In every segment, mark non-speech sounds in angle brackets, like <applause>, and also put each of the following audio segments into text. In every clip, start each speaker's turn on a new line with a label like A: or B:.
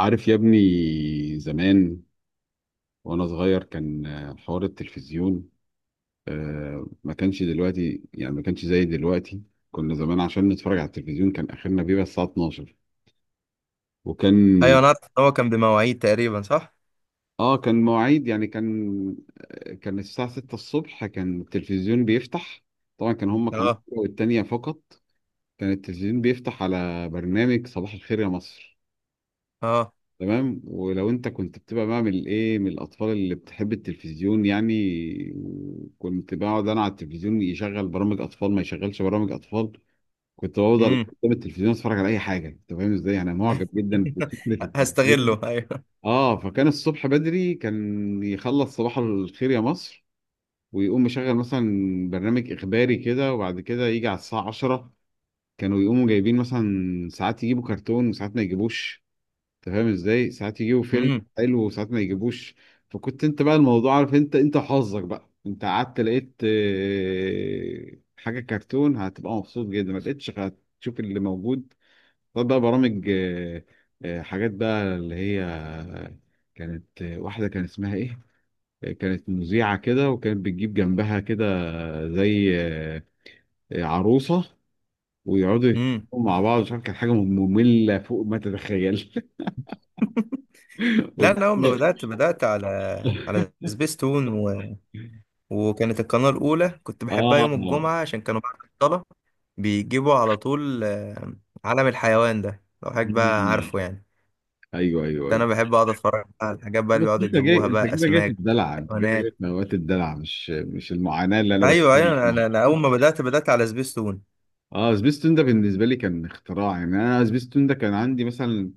A: عارف يا ابني، زمان وانا صغير كان حوار التلفزيون. ما كانش دلوقتي، يعني ما كانش زي دلوقتي. كنا زمان عشان نتفرج على التلفزيون كان اخرنا بيبقى الساعة 12. وكان.
B: ايوه، انا عارف ان هو كان بمواعيد تقريبا صح.
A: اه، كان مواعيد، يعني كان كان الساعة 6 الصبح كان التلفزيون بيفتح. طبعا كان هما قناة
B: اه،
A: والتانية فقط. كان التلفزيون بيفتح على برنامج صباح الخير يا مصر.
B: اه.
A: تمام، ولو انت كنت بتبقى من من الاطفال اللي بتحب التلفزيون يعني، كنت بقعد انا على التلفزيون، يشغل برامج اطفال ما يشغلش برامج اطفال كنت بفضل
B: امم.
A: قدام التلفزيون اتفرج على اي حاجه. انت فاهم ازاي؟ انا معجب جدا بفكره
B: <laughs>
A: التلفزيون.
B: هستغله، ايوه.
A: اه، فكان الصبح بدري كان يخلص صباح الخير يا مصر، ويقوم مشغل مثلا برنامج اخباري كده، وبعد كده يجي على الساعه 10 كانوا يقوموا جايبين، مثلا ساعات يجيبوا كرتون وساعات ما يجيبوش. انت فاهم ازاي؟ ساعات يجيبوا فيلم
B: امم،
A: حلو وساعات ما يجيبوش. فكنت انت بقى الموضوع، عارف انت حظك بقى، انت قعدت لقيت حاجه كرتون هتبقى مبسوط جدا، ما لقيتش هتشوف اللي موجود. طب بقى برامج، حاجات بقى اللي هي، كانت واحده كان اسمها ايه، كانت مذيعه كده وكانت بتجيب جنبها كده، زي عروسه، ويقعدوا
B: امم.
A: يتكلموا مع بعض. مش عارف، كانت حاجه ممله فوق ما تتخيل.
B: لا، انا اول ما بدات على سبيستون
A: <laughs>
B: وكانت القناه الاولى كنت بحبها
A: اه.
B: يوم الجمعه عشان كانوا بعد الصلاه بيجيبوا على طول عالم الحيوان ده لو حضرتك بقى عارفه يعني.
A: ايوه ايوه
B: ده
A: ايوه،
B: انا بحب اقعد اتفرج على الحاجات بقى اللي
A: بس
B: بيقعدوا
A: انت جاي،
B: يجيبوها
A: انت
B: بقى
A: كده جاي في
B: اسماك،
A: الدلع، انت جاي
B: حيوانات.
A: جاي في نوبات الدلع، مش المعاناه اللي انا
B: ايوه،
A: بتكلم
B: ايوه، انا اول ما
A: فيها.
B: بدات على سبيستون.
A: اه، سبيستون ده بالنسبه لي كان اختراع، يعني انا سبيستون ده كان عندي مثلا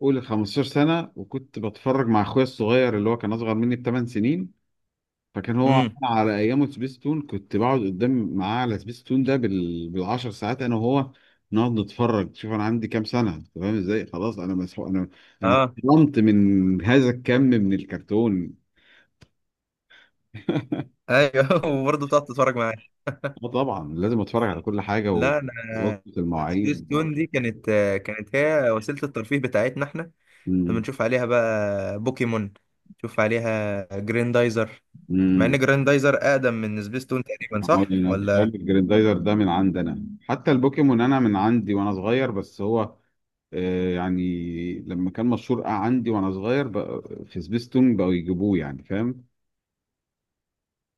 A: قول 15 سنه، وكنت بتفرج مع اخويا الصغير اللي هو كان اصغر مني بثمان سنين. فكان هو
B: امم.
A: على ايامه سبيستون، كنت بقعد قدام معاه على سبيستون ده بالعشر ساعات انا وهو، نقعد نتفرج. شوف انا عندي كام سنه؟ أنت فاهم ازاي؟ خلاص انا مسحوق، انا
B: اه.
A: اتطعمت من هذا الكم من الكرتون. <laughs>
B: ايوه. <laughs> وبرضه بتقعد تتفرج معايا؟
A: اه طبعا لازم اتفرج على كل حاجه
B: لا، انا
A: ووقت
B: سبيس
A: المواعيد
B: تون
A: برضه.
B: دي كانت هي وسيله الترفيه بتاعتنا احنا. لما
A: امم
B: نشوف عليها بقى بوكيمون، نشوف عليها جريندايزر. مع
A: امم
B: ان جريندايزر اقدم من سبيس تون تقريبا صح
A: انا بخلي
B: ولا؟
A: الجريندايزر ده من عندنا، حتى البوكيمون انا من عندي وانا صغير، بس هو يعني لما كان مشهور عندي وانا صغير، بقى في سبيستون بقوا يجيبوه، يعني فاهم.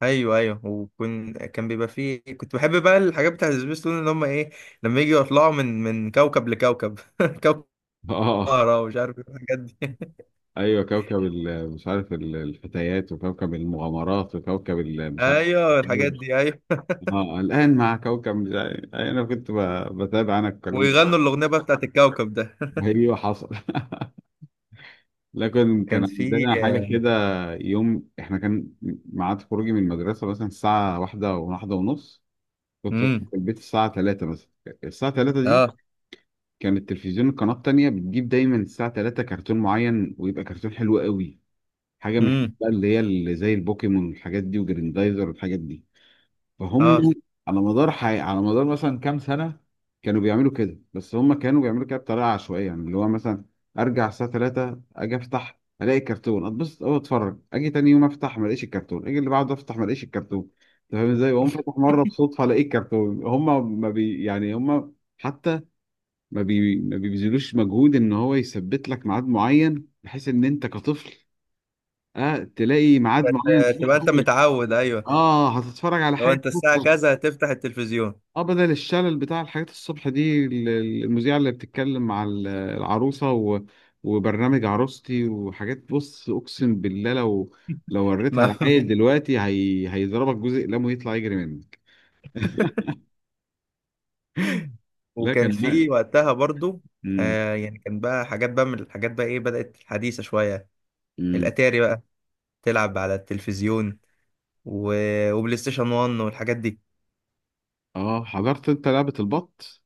B: ايوه، ايوه، كان بيبقى فيه كنت بحب بقى الحاجات بتاعت سبيس تون اللي هم ايه، لما يجوا يطلعوا من كوكب لكوكب <laughs> كوكب
A: <laughs> اه،
B: زهرة ومش عارف إيه الحاجات دي. <laughs>
A: ايوه كوكب مش عارف، الفتيات، وكوكب المغامرات، وكوكب مش عارف.
B: ايوه الحاجات دي، ايوه.
A: اه الان مع كوكب مش عارف. يعني انا كنت بتابع انا الكلام ده.
B: ويغنوا الاغنيه بقى بتاعت الكوكب ده. <laughs>
A: ايوه حصل. <laughs> لكن كان
B: كان في.
A: عندنا حاجه كده، يوم احنا كان ميعاد خروجي من المدرسه مثلا الساعه واحدة وواحدة ونص، كنت في
B: امم.
A: البيت الساعه 3 مثلا. الساعه 3 دي
B: اه.
A: كان التلفزيون القناة التانية بتجيب دايما الساعة 3 كرتون معين، ويبقى كرتون حلو قوي، حاجة من الحاجات
B: امم.
A: بقى اللي هي اللي زي البوكيمون والحاجات دي، وجريندايزر والحاجات دي، فهم.
B: اه.
A: على مدار مثلا كام سنة كانوا بيعملوا كده، بس هم كانوا بيعملوا كده بطريقة عشوائية، يعني اللي هو مثلا أرجع الساعة 3 أجي أفتح ألاقي كرتون أتبسط أوي أتفرج، أجي تاني يوم أفتح ما ألاقيش الكرتون، أجي اللي بعده أفتح ما ألاقيش الكرتون. أنت فاهم إزاي؟ وأقوم فاتح مرة بصدفة ألاقي الكرتون. هم ما بي يعني هم حتى ما بي ما بيبذلوش مجهود ان هو يثبت لك ميعاد معين، بحيث ان انت كطفل اه تلاقي ميعاد معين
B: تبقى
A: تروح
B: انت
A: له.
B: متعود، ايوه.
A: اه هتتفرج على
B: لو
A: حاجه
B: انت الساعه
A: تفكك.
B: كذا هتفتح التلفزيون.
A: اه، بدل الشلل بتاع الحاجات الصبح دي، المذيعه اللي بتتكلم مع العروسه، و... وبرنامج عروستي وحاجات. بص، اقسم بالله لو، لو وريتها
B: ما-
A: لعيل
B: <laughs>
A: دلوقتي هيضربك جزء قلمه يطلع يجري منك. لا
B: وكان
A: كان بقى.
B: في وقتها برضو
A: امم
B: يعني كان بقى حاجات بقى من الحاجات بقى ايه، بدأت حديثة شوية.
A: امم
B: الاتاري بقى، تلعب على التلفزيون و... وبلاي ستيشن 1 والحاجات دي.
A: اه، حضرت انت لعبه البط؟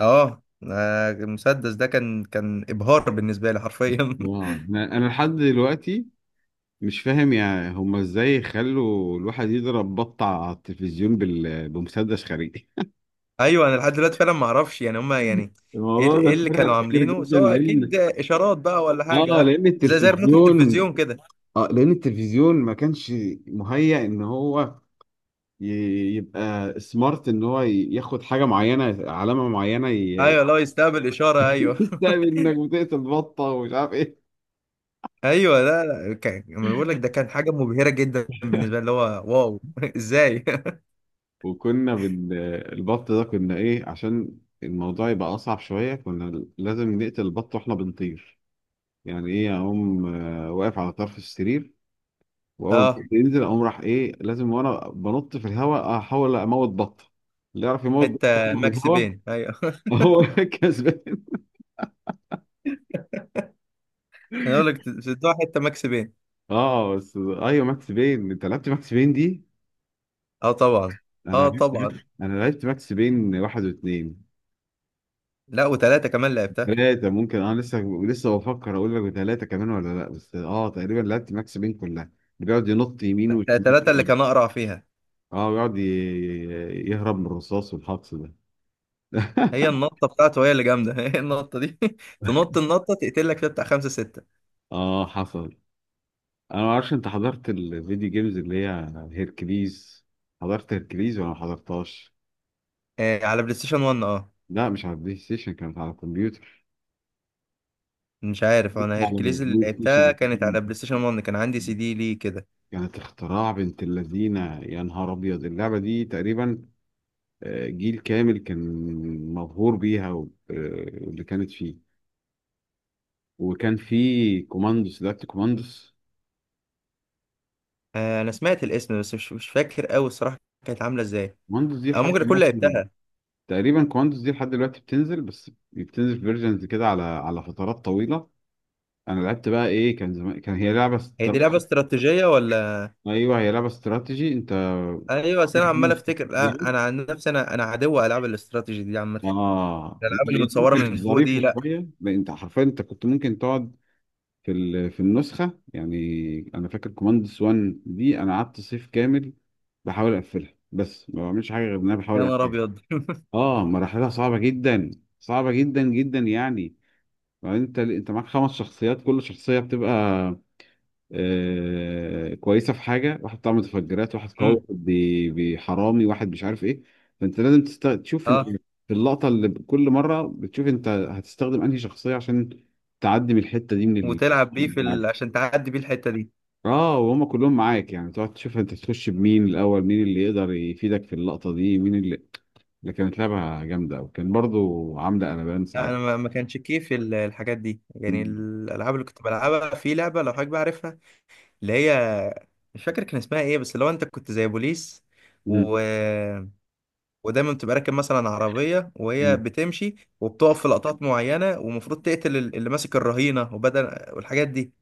B: اه. المسدس ده كان ابهار بالنسبه لي حرفيا.
A: واو.
B: <laughs>
A: انا لحد دلوقتي مش فاهم يا هما ازاي خلوا الواحد يضرب بط على التلفزيون بمسدس خارجي.
B: ايوه، انا لحد دلوقتي فعلا ما اعرفش يعني هما
A: <laughs>
B: يعني ايه
A: الموضوع ده
B: إيه اللي كانوا
A: اتفرج كتير
B: عاملينه؟
A: جدا
B: سواء اكيد
A: لان،
B: اشارات بقى ولا
A: اه
B: حاجه.
A: لان
B: زي ريموت
A: التلفزيون،
B: التلفزيون كده.
A: اه لان التلفزيون ما كانش مهيأ ان هو ي... يبقى سمارت، ان هو ياخد حاجه معينه، علامه معينه
B: ايوه، لو يستقبل اشاره، ايوه.
A: <laughs> تعمل
B: <laughs>
A: انك بتقتل بطه ومش عارف ايه.
B: ايوه، لا، لا، كان انا بقول لك ده
A: <laughs>
B: كان حاجه مبهره جدا بالنسبه لي اللي هو، واو. <laughs> ازاي؟
A: وكنا البط ده كنا ايه، عشان الموضوع يبقى اصعب شويه كنا لازم نقتل البط واحنا بنطير. يعني ايه، اقوم واقف على طرف السرير
B: <laughs>
A: واول ما
B: اه.
A: البط ينزل اقوم راح ايه لازم وانا بنط في الهواء احاول اموت بط، اللي يعرف يموت بط
B: حته
A: في
B: ماكس
A: الهواء
B: بين، ايوه. <laughs>
A: هو <laughs> كسبان.
B: انا اقول لك سدوها حته ماكس بين.
A: اه بس، ايوه ماكس بين، انت لعبت ماكس بين دي؟
B: اه، طبعا. اه، طبعا.
A: انا لعبت ماكس بين واحد واثنين.
B: لا، وثلاثه كمان لعبتها.
A: ثلاثة ممكن، انا لسه بفكر، اقول لك ثلاثة كمان ولا لا، بس اه تقريبا لعبت ماكس بين كلها، اللي بيقعد ينط يمين
B: ثلاثه اللي
A: وشمال.
B: كان اقرع فيها.
A: اه بيقعد يهرب من الرصاص والحقص ده.
B: هي
A: <laughs>
B: النطه بتاعته هي اللي جامده. <laughs> هي النطه دي. <laughs> تنط النطه تقتل لك فيها بتاع خمسه سته.
A: اه حصل. انا ما اعرفش انت حضرت الفيديو جيمز اللي هي هيركليز؟ حضرت هيركليز ولا ما حضرتهاش؟
B: آه، على بلاي ستيشن 1. اه.
A: لا مش على البلاي ستيشن، كانت على الكمبيوتر.
B: مش عارف،
A: بس
B: انا
A: على
B: هيركليز اللي
A: البلاي ستيشن.
B: لعبتها كانت على
A: <laughs>
B: بلاي ستيشن 1. كان عندي سي دي ليه كده.
A: كانت اختراع بنت اللذينه، يا نهار ابيض اللعبه دي. تقريبا جيل كامل كان مبهور بيها واللي كانت فيه. وكان في كوماندوس، لعبت كوماندوس؟
B: انا سمعت الاسم بس مش فاكر قوي الصراحه. كانت عامله ازاي؟
A: كوماندوس دي
B: او
A: لحد
B: ممكن اكون
A: دلوقتي،
B: لعبتها.
A: تقريبا كوماندوس دي لحد دلوقتي بتنزل، بس بتنزل فيرجنز كده على على فترات طويله. انا لعبت بقى ايه كان زمان، كان هي
B: هي دي لعبه استراتيجيه ولا؟
A: ايوه هي لعبه استراتيجي انت.
B: ايوه،
A: <laughs>
B: بس
A: في
B: انا عمال
A: خمس
B: افتكر.
A: شخصيات.
B: انا عن نفسي، انا عدو العاب الاستراتيجي دي عامه.
A: اه لا،
B: الالعاب
A: هي
B: اللي متصوره من
A: ممكن
B: فوق دي،
A: ظريفه
B: لا.
A: شويه، لأن انت حرفيا انت كنت ممكن تقعد في في النسخه، يعني انا فاكر كوماندس 1 دي انا قعدت صيف كامل بحاول اقفلها، بس ما بعملش حاجه غير ان انا بحاول
B: يا نهار
A: اقفلها.
B: ابيض. <laughs>
A: اه مراحلها صعبه جدا، صعبه جدا جدا يعني. وبعدين انت معاك خمس شخصيات، كل شخصيه بتبقى كويسه في حاجه، واحد بتاع متفجرات، واحد قوي،
B: أمم.
A: واحد بيحرامي، واحد مش عارف ايه. فانت لازم تشوف انت
B: اه،
A: في اللقطه اللي كل مره بتشوف انت هتستخدم انهي شخصيه عشان تعدي من الحته دي من
B: وتلعب بيه في
A: يعني.
B: عشان تعدي بيه الحته دي.
A: اه وهم كلهم معاك، يعني تقعد تشوف انت تخش بمين الاول، مين اللي يقدر يفيدك في اللقطه دي، مين اللي، اللي كانت لعبه جامده وكان برضو عامله قلبان
B: لا، انا
A: ساعتها.
B: ما كانش كيف الحاجات دي، يعني
A: مم.
B: الالعاب اللي كنت بلعبها، في لعبه لو حضرتك بقى عارفها، اللي هي مش فاكر كان اسمها ايه، بس اللي هو انت كنت زي بوليس
A: مم.
B: و... ودايما بتبقى راكب مثلا عربية وهي
A: مم.
B: بتمشي، وبتقف في لقطات معينة ومفروض تقتل اللي ماسك الرهينة، وبدل والحاجات دي.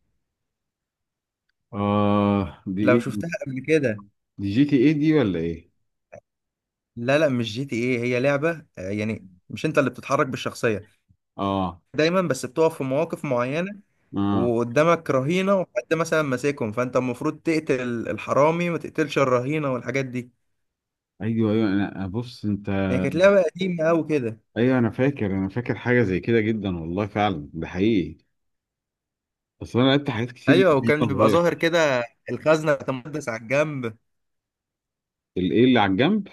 A: اه دي
B: لو
A: ايه،
B: شفتها قبل كده.
A: دي جي تي ايه دي ولا ايه؟
B: لا، لا، مش جي تي ايه، هي لعبة يعني مش انت اللي بتتحرك بالشخصية،
A: اه
B: دايما بس بتقف في مواقف معينة،
A: اه.
B: وقدامك رهينة وحد مثلا ماسكهم، فانت المفروض تقتل الحرامي وما تقتلش الرهينة والحاجات دي.
A: ايوه ايوه، انا بص انت،
B: هي كانت لعبة قديمة أوي كده.
A: ايوه انا فاكر، انا فاكر حاجه زي كده جدا، والله فعلا ده حقيقي. اصل انا لعبت حاجات كتير
B: ايوه،
A: جدا
B: وكان
A: وانا
B: بيبقى
A: صغير.
B: ظاهر كده الخزنة بتاع مسدس على الجنب.
A: الايه اللي على الجنب؟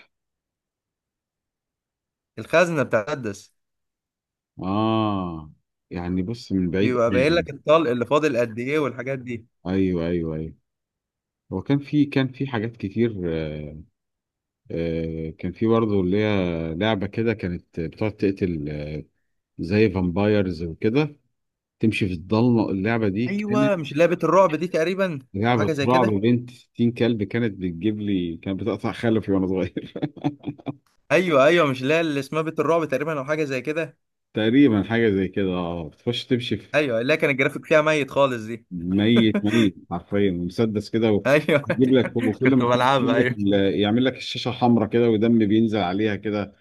B: الخزنة بتاع مسدس.
A: اه. يعني بص من بعيد
B: بيبقى باين
A: قوي.
B: لك الطلق اللي فاضل قد ايه والحاجات دي.
A: ايوه ايوه ايوه. هو كان في، كان في حاجات كتير آه. آه كان في برضه اللي هي لعبه كده، كانت بتقعد تقتل آه، زي فامبايرز وكده، تمشي في الضلمه. اللعبه دي كانت
B: ايوه، مش اللي هي بيت الرعب دي تقريبا، او حاجه
A: لعبه
B: زي
A: رعب
B: كده.
A: بنت 60 كلب، كانت بتجيب لي، كانت بتقطع خلفي وانا صغير.
B: ايوه، ايوه، مش اللي هي اللي اسمها بيت الرعب تقريبا، او حاجه زي كده.
A: تقريبا حاجة زي كده، اه بتخش تمشي في،
B: ايوه، اللي هي كان الجرافيك فيها ميت خالص دي.
A: ميت
B: <laughs>
A: ميت حرفيا، مسدس كده
B: ايوه.
A: ويجيب لك،
B: <laughs>
A: وكل ما
B: كنت
A: تمشي
B: بلعبها،
A: يجيب لك
B: ايوه.
A: يعمل لك الشاشة حمراء كده ودم بينزل عليها كده.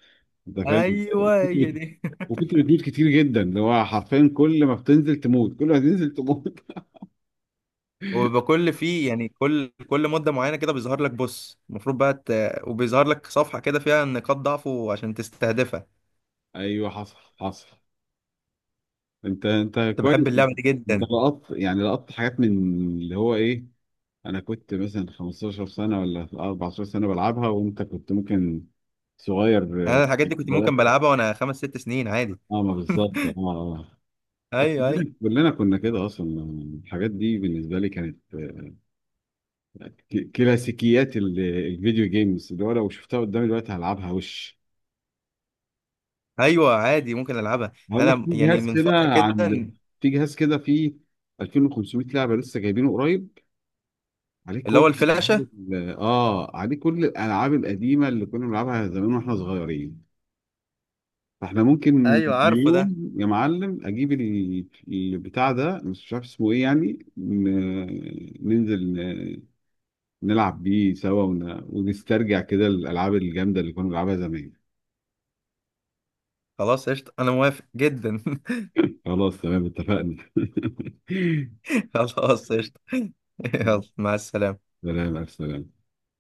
A: انت فاهم؟ <laughs>
B: ايوه هي
A: وكتلة،
B: دي. <laughs>
A: وكتلة دود كتير جدا، اللي هو حرفيا كل ما بتنزل تموت، كل ما تنزل تموت.
B: وبيبقى كل فيه يعني، كل مده معينه كده بيظهر لك، بص المفروض بقى وبيظهر لك صفحه كده فيها نقاط ضعفه عشان تستهدفها.
A: <laughs> ايوه حصل حصل. انت
B: كنت
A: كويس،
B: بحب اللعبه دي
A: انت
B: جدا.
A: لقطت يعني لقطت حاجات من اللي هو ايه، انا كنت مثلا 15 سنة ولا 14 سنة بلعبها، وانت كنت ممكن صغير.
B: انا الحاجات دي كنت ممكن بلعبها وانا 5 6 سنين عادي.
A: اه ما بالظبط، اه اه.
B: ايوه،
A: كلنا كنا كده اصلا. الحاجات دي بالنسبه لي كانت كلاسيكيات الفيديو جيمز، اللي هو لو شفتها قدامي دلوقتي هلعبها وش.
B: ايوه، عادي ممكن العبها.
A: هقول لك،
B: انا
A: في
B: يعني
A: جهاز
B: من
A: كده
B: فتره كده،
A: عند، في جهاز كده فيه 2,500 لعبه لسه جايبينه قريب، عليه
B: اللي
A: كل
B: هو الفلاشه.
A: اه عليه كل الالعاب القديمه اللي كنا بنلعبها زمان واحنا صغيرين. فاحنا ممكن
B: ايوه، عارفه ده.
A: يوم يا معلم اجيب البتاع ده، بس مش عارف اسمه ايه، يعني ننزل نلعب بيه سوا ونسترجع كده الالعاب الجامده اللي كنا بنلعبها زمان.
B: خلاص، قشطه، انا موافق جدا. <laughs>
A: خلاص تمام، اتفقنا. <laughs>
B: خلاص، قشطه. <laughs> يلا، مع السلامه.
A: سلام السلام.